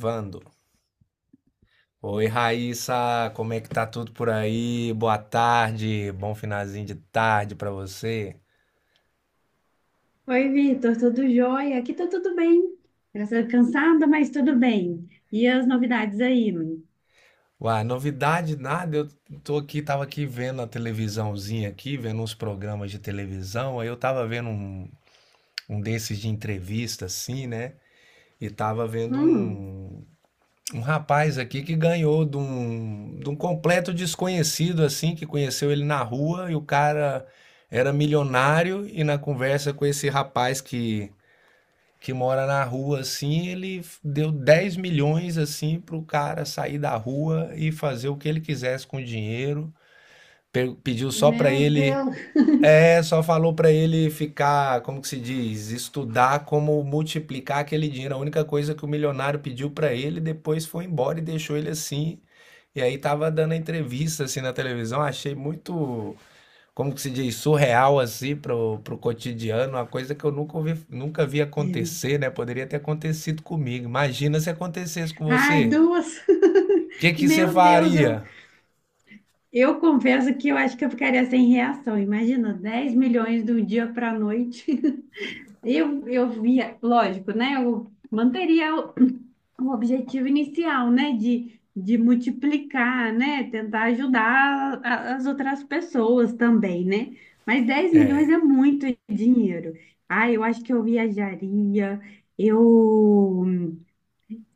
Vando. Oi, Raíssa, como é que tá tudo por aí? Boa tarde, bom finalzinho de tarde pra você. Oi, Vitor, tudo jóia? Aqui tá tudo bem. Graças a Deus, cansada, mas tudo bem. E as novidades aí? Uai, novidade nada, eu tô aqui, tava aqui vendo a televisãozinha aqui, vendo uns programas de televisão, aí eu tava vendo um desses de entrevista assim, né? E tava vendo Hum, um rapaz aqui que ganhou de um completo desconhecido assim, que conheceu ele na rua e o cara era milionário e na conversa com esse rapaz que mora na rua assim, ele deu 10 milhões assim pro cara sair da rua e fazer o que ele quisesse com o dinheiro. Pediu só pra meu ele, Deus. é, só falou pra ele ficar, como que se diz, estudar como multiplicar aquele dinheiro. A única coisa que o milionário pediu pra ele, depois foi embora e deixou ele assim. E aí tava dando a entrevista assim na televisão, achei muito, como que se diz, surreal assim pro, pro cotidiano, uma coisa que eu nunca ouvi, nunca vi acontecer, né? Poderia ter acontecido comigo. Imagina se acontecesse com Ai, você. duas. O que que você Meu Deus, eu, faria? eu confesso que eu acho que eu ficaria sem reação. Imagina, 10 milhões do dia para a noite. Eu via, lógico, né? Eu manteria o objetivo inicial, né, de multiplicar, né, tentar ajudar as outras pessoas também, né? Mas 10 milhões é muito dinheiro. Ah, eu acho que eu viajaria, eu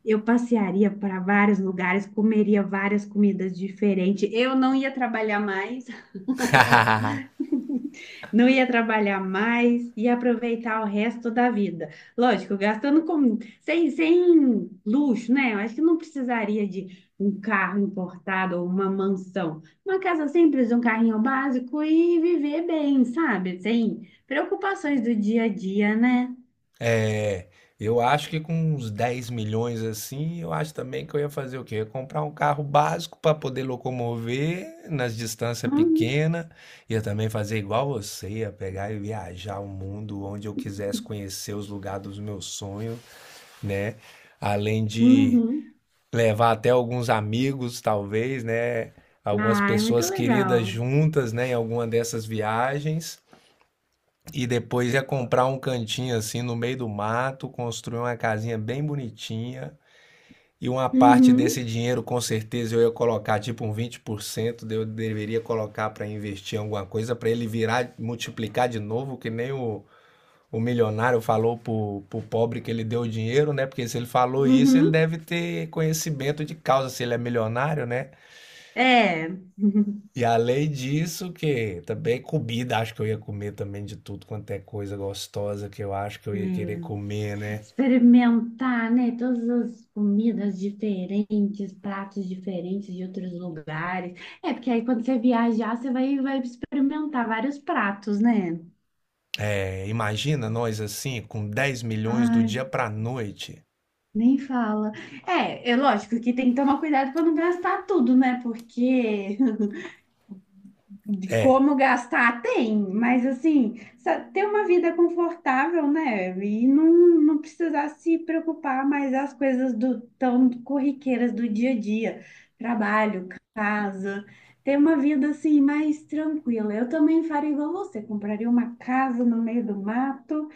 eu passearia para vários lugares, comeria várias comidas diferentes. Eu não ia trabalhar mais. Não ia trabalhar mais e aproveitar o resto da vida. Lógico, gastando com sem, sem luxo, né? Eu acho que não precisaria de um carro importado ou uma mansão. Uma casa simples, um carrinho básico e viver bem, sabe? Sem preocupações do dia a dia, né? É, eu acho que com uns 10 milhões assim, eu acho também que eu ia fazer o quê? Eu ia comprar um carro básico para poder locomover nas distâncias Uhum, pequenas. Ia também fazer igual você, ia pegar e viajar o mundo onde eu quisesse conhecer os lugares dos meus sonhos, né? Além de uhum. levar até alguns amigos, talvez, né? Algumas Ah, é muito pessoas queridas legal. juntas, né, em alguma dessas viagens. E depois ia comprar um cantinho assim no meio do mato, construir uma casinha bem bonitinha. E uma parte Uhum, desse dinheiro, com certeza, eu ia colocar tipo um 20%, eu deveria colocar para investir em alguma coisa, para ele virar, multiplicar de novo, que nem o milionário falou pro pobre que ele deu o dinheiro, né? Porque se ele falou isso, ele uhum. deve ter conhecimento de causa, se ele é milionário, né? É. E além disso, que também comida, acho que eu ia comer também de tudo quanto é coisa gostosa que eu acho que eu ia querer É. comer, né? Experimentar, né? Todas as comidas diferentes, pratos diferentes de outros lugares. É, porque aí quando você viajar, você vai experimentar vários pratos, né? É, imagina nós assim, com 10 milhões do Ai, dia pra noite. nem fala. É, é lógico que tem que tomar cuidado para não gastar tudo, né? Porque De como gastar, tem, mas assim, ter uma vida confortável, né? E não precisar se preocupar mais as coisas do, tão corriqueiras do dia a dia, trabalho, casa, ter uma vida assim mais tranquila. Eu também faria igual você, compraria uma casa no meio do mato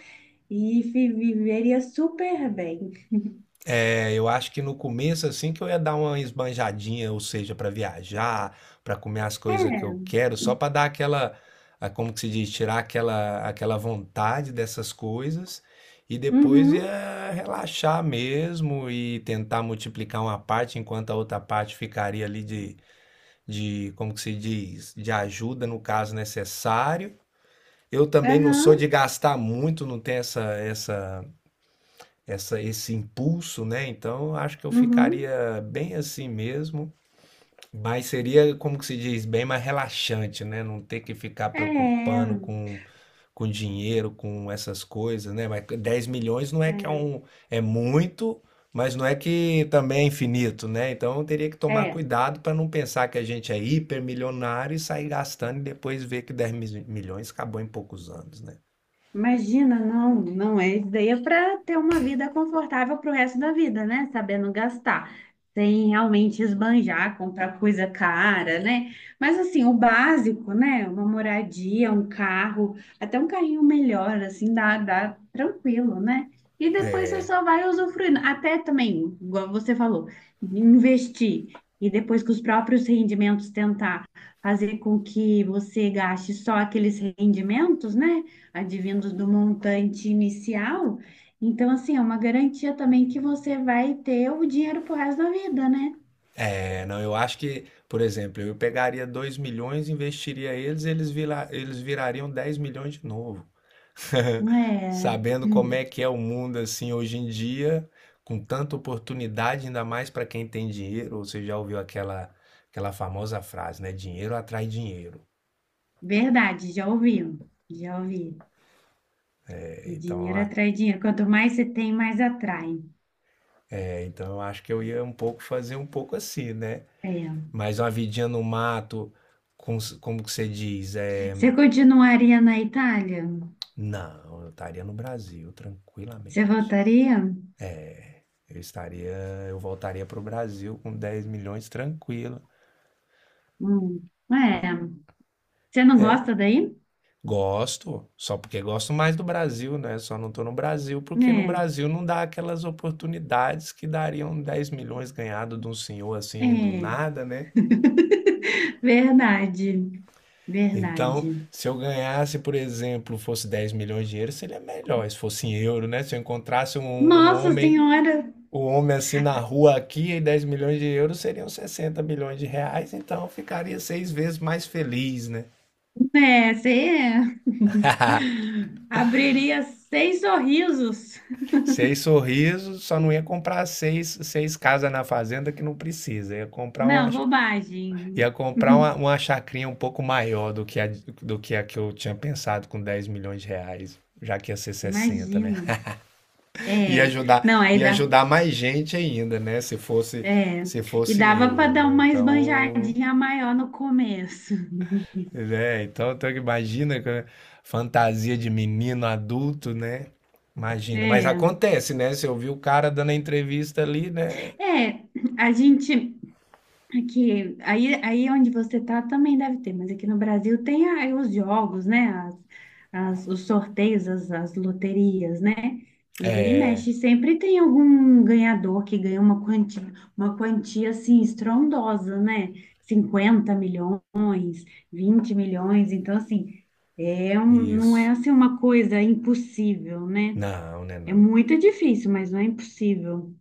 e viveria super bem. É, eu acho que no começo, assim, que eu ia dar uma esbanjadinha, ou seja, para viajar, para comer as coisas que eu É, quero, só para dar aquela, como que se diz, tirar aquela, vontade dessas coisas, e depois uhum, ia relaxar mesmo e tentar multiplicar uma parte, enquanto a outra parte ficaria ali como que se diz, de ajuda no caso necessário. Eu também não sou de aham, gastar muito, não tenho essa, essa essa esse impulso, né? Então, eu acho que eu uhum, ficaria bem assim mesmo, mas seria, como que se diz, bem mais relaxante, né? Não ter que ficar é, preocupando com dinheiro, com essas coisas, né? Mas 10 milhões não é que é é. um, é muito, mas não é que também é infinito, né? Então, eu teria que tomar É. cuidado para não pensar que a gente é hipermilionário e sair gastando e depois ver que dez milhões acabou em poucos anos, né? Imagina, não é ideia para ter uma vida confortável para o resto da vida, né? Sabendo gastar, sem realmente esbanjar, comprar coisa cara, né? Mas assim, o básico, né? Uma moradia, um carro, até um carrinho melhor, assim, dá, dá tranquilo, né? E depois você só vai usufruindo. Até também, igual você falou, investir. E depois com os próprios rendimentos tentar fazer com que você gaste só aqueles rendimentos, né? Advindo do montante inicial. Então, assim, é uma garantia também que você vai ter o dinheiro pro resto da vida, né? É, não, eu acho que, por exemplo, eu pegaria 2 milhões, investiria eles virariam 10 milhões de novo. É, Sabendo como hum, é que é o mundo assim hoje em dia, com tanta oportunidade, ainda mais para quem tem dinheiro, ou você já ouviu aquela famosa frase, né? Dinheiro atrai dinheiro. verdade, já ouvi, já ouvi. É, O então, dinheiro atrai dinheiro. Quanto mais você tem, mais atrai. Eu acho que eu ia um pouco fazer um pouco assim, né? É. Mas uma vidinha no mato, com, como que você diz? É, Você continuaria na Itália? não, eu estaria no Brasil, Você tranquilamente. voltaria? Eu estaria, eu voltaria para o Brasil com 10 milhões tranquilo. Hum, É. Você não gosta daí? Gosto, só porque gosto mais do Brasil, né? Só não tô no Brasil porque no É, Brasil não dá aquelas oportunidades que dariam 10 milhões ganhados de um senhor assim do é. nada, né? Verdade, Então, verdade. se eu ganhasse, por exemplo, fosse 10 milhões de euros seria melhor. Se fosse em euro, né? Se eu encontrasse um, um Nossa homem, Senhora! um homem assim na rua aqui e 10 milhões de euros seriam 60 milhões de reais, então eu ficaria seis vezes mais feliz, né? É, você abriria seis sorrisos. Seis sorrisos, só não ia comprar seis casas na fazenda que não precisa. Ia comprar uma, Não, bobagem. ia comprar uma, uma chacrinha um pouco maior do que a que eu tinha pensado com 10 milhões de reais, já que ia ser sessenta, né? Imagino. É, não, aí ia dá. ajudar mais gente ainda, né? Se fosse, É, se e fosse em dava para euros, dar né? uma Então, esbanjadinha maior no começo. né? Então, imagina fantasia de menino adulto, né? Imagina, mas É, acontece, né? Você ouviu o cara dando a entrevista ali, né? é, a gente. Aqui, aí, aí onde você tá também deve ter, mas aqui no Brasil tem aí os jogos, né? Os sorteios, as loterias, né? E vira e É, mexe, sempre tem algum ganhador que ganha uma quantia assim estrondosa, né? 50 milhões, 20 milhões, então assim, é um, não é isso. assim uma coisa impossível, né? Não, né, É não. muito difícil, mas não é impossível.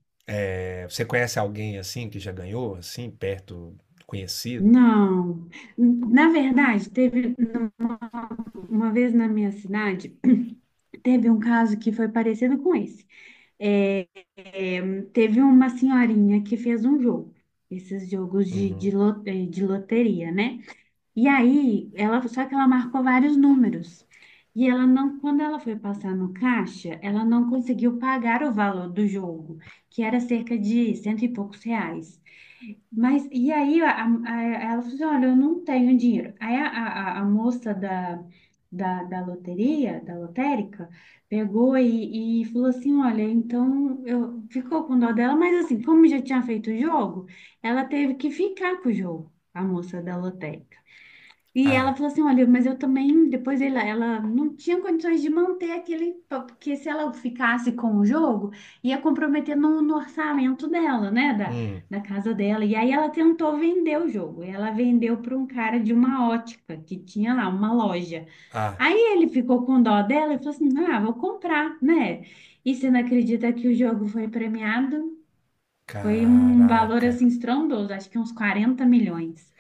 É, você conhece alguém assim que já ganhou, assim, perto, conhecido? Não. Na verdade, uma vez na minha cidade, teve um caso que foi parecido com esse. É, é, teve uma senhorinha que fez um jogo, esses jogos Uhum. De loteria, né? E aí, ela, só que ela marcou vários números. E ela não, quando ela foi passar no caixa, ela não conseguiu pagar o valor do jogo, que era cerca de cento e poucos reais. Mas e aí ela falou assim, olha, eu não tenho dinheiro. Aí a moça da loteria, da lotérica, pegou e falou assim, olha, então eu ficou com dó dela, mas assim, como já tinha feito o jogo, ela teve que ficar com o jogo, a moça da lotérica. E ela Ah, falou assim, olha, mas eu também, depois ela, ela não tinha condições de manter aquele, porque se ela ficasse com o jogo, ia comprometer no orçamento dela, né, hum, da casa dela. E aí ela tentou vender o jogo, ela vendeu para um cara de uma ótica, que tinha lá uma loja. ah, Aí ele ficou com dó dela e falou assim, ah, vou comprar, né? E você não acredita que o jogo foi premiado? Foi um valor, caraca. assim, estrondoso, acho que uns 40 milhões.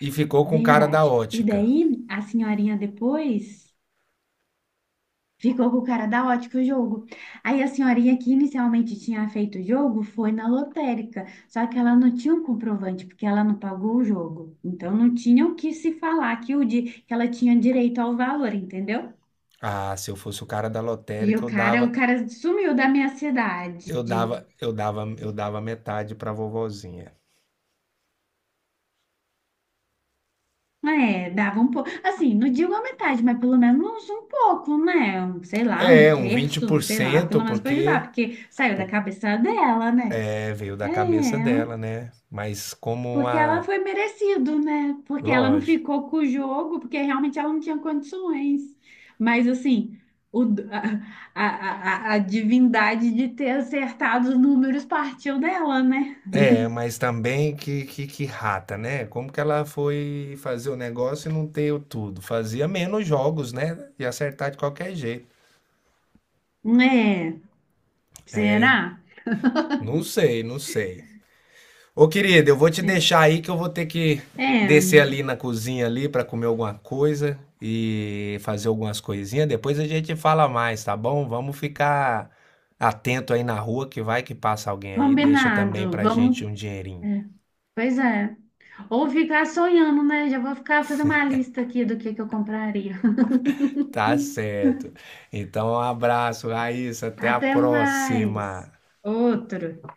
E ficou com o cara da Verdade. E ótica. daí a senhorinha depois ficou com o cara da ótica o jogo. Aí a senhorinha que inicialmente tinha feito o jogo foi na lotérica, só que ela não tinha um comprovante porque ela não pagou o jogo. Então não tinha o que se falar que o di que ela tinha direito ao valor, entendeu? Ah, se eu fosse o cara da E lotérica, eu o dava, cara sumiu da minha cidade. eu dava, eu dava, eu dava metade pra vovozinha. É, dava um pouco. Assim, não digo a metade, mas pelo menos um pouco, né? Um, sei lá, um É, um vinte por terço, sei lá, cento, pelo menos para ajudar, porque, porque saiu da porque cabeça dela, né? é, veio da cabeça É, dela, né? Mas porque ela foi merecido, né? Porque ela não lógico. ficou com o jogo, porque realmente ela não tinha condições. Mas, assim, o, d- a divindade de ter acertado os números partiu dela, né? É, mas também que rata, né? Como que ela foi fazer o negócio e não ter o tudo? Fazia menos jogos, né? E acertar de qualquer jeito. É, será? Não sei, não sei. Ô, querido, eu vou te É, deixar aí que eu vou ter que é, descer ali na cozinha ali para comer alguma coisa e fazer algumas coisinhas. Depois a gente fala mais, tá bom? Vamos ficar atento aí na rua que vai que passa alguém aí. Deixa também combinado. pra Vamos. gente um dinheirinho. É. Pois é. Ou ficar sonhando, né? Já vou ficar fazer uma lista aqui do que eu compraria. Tá certo. Então, um abraço, Raíssa. Até a Até próxima. mais. Outro.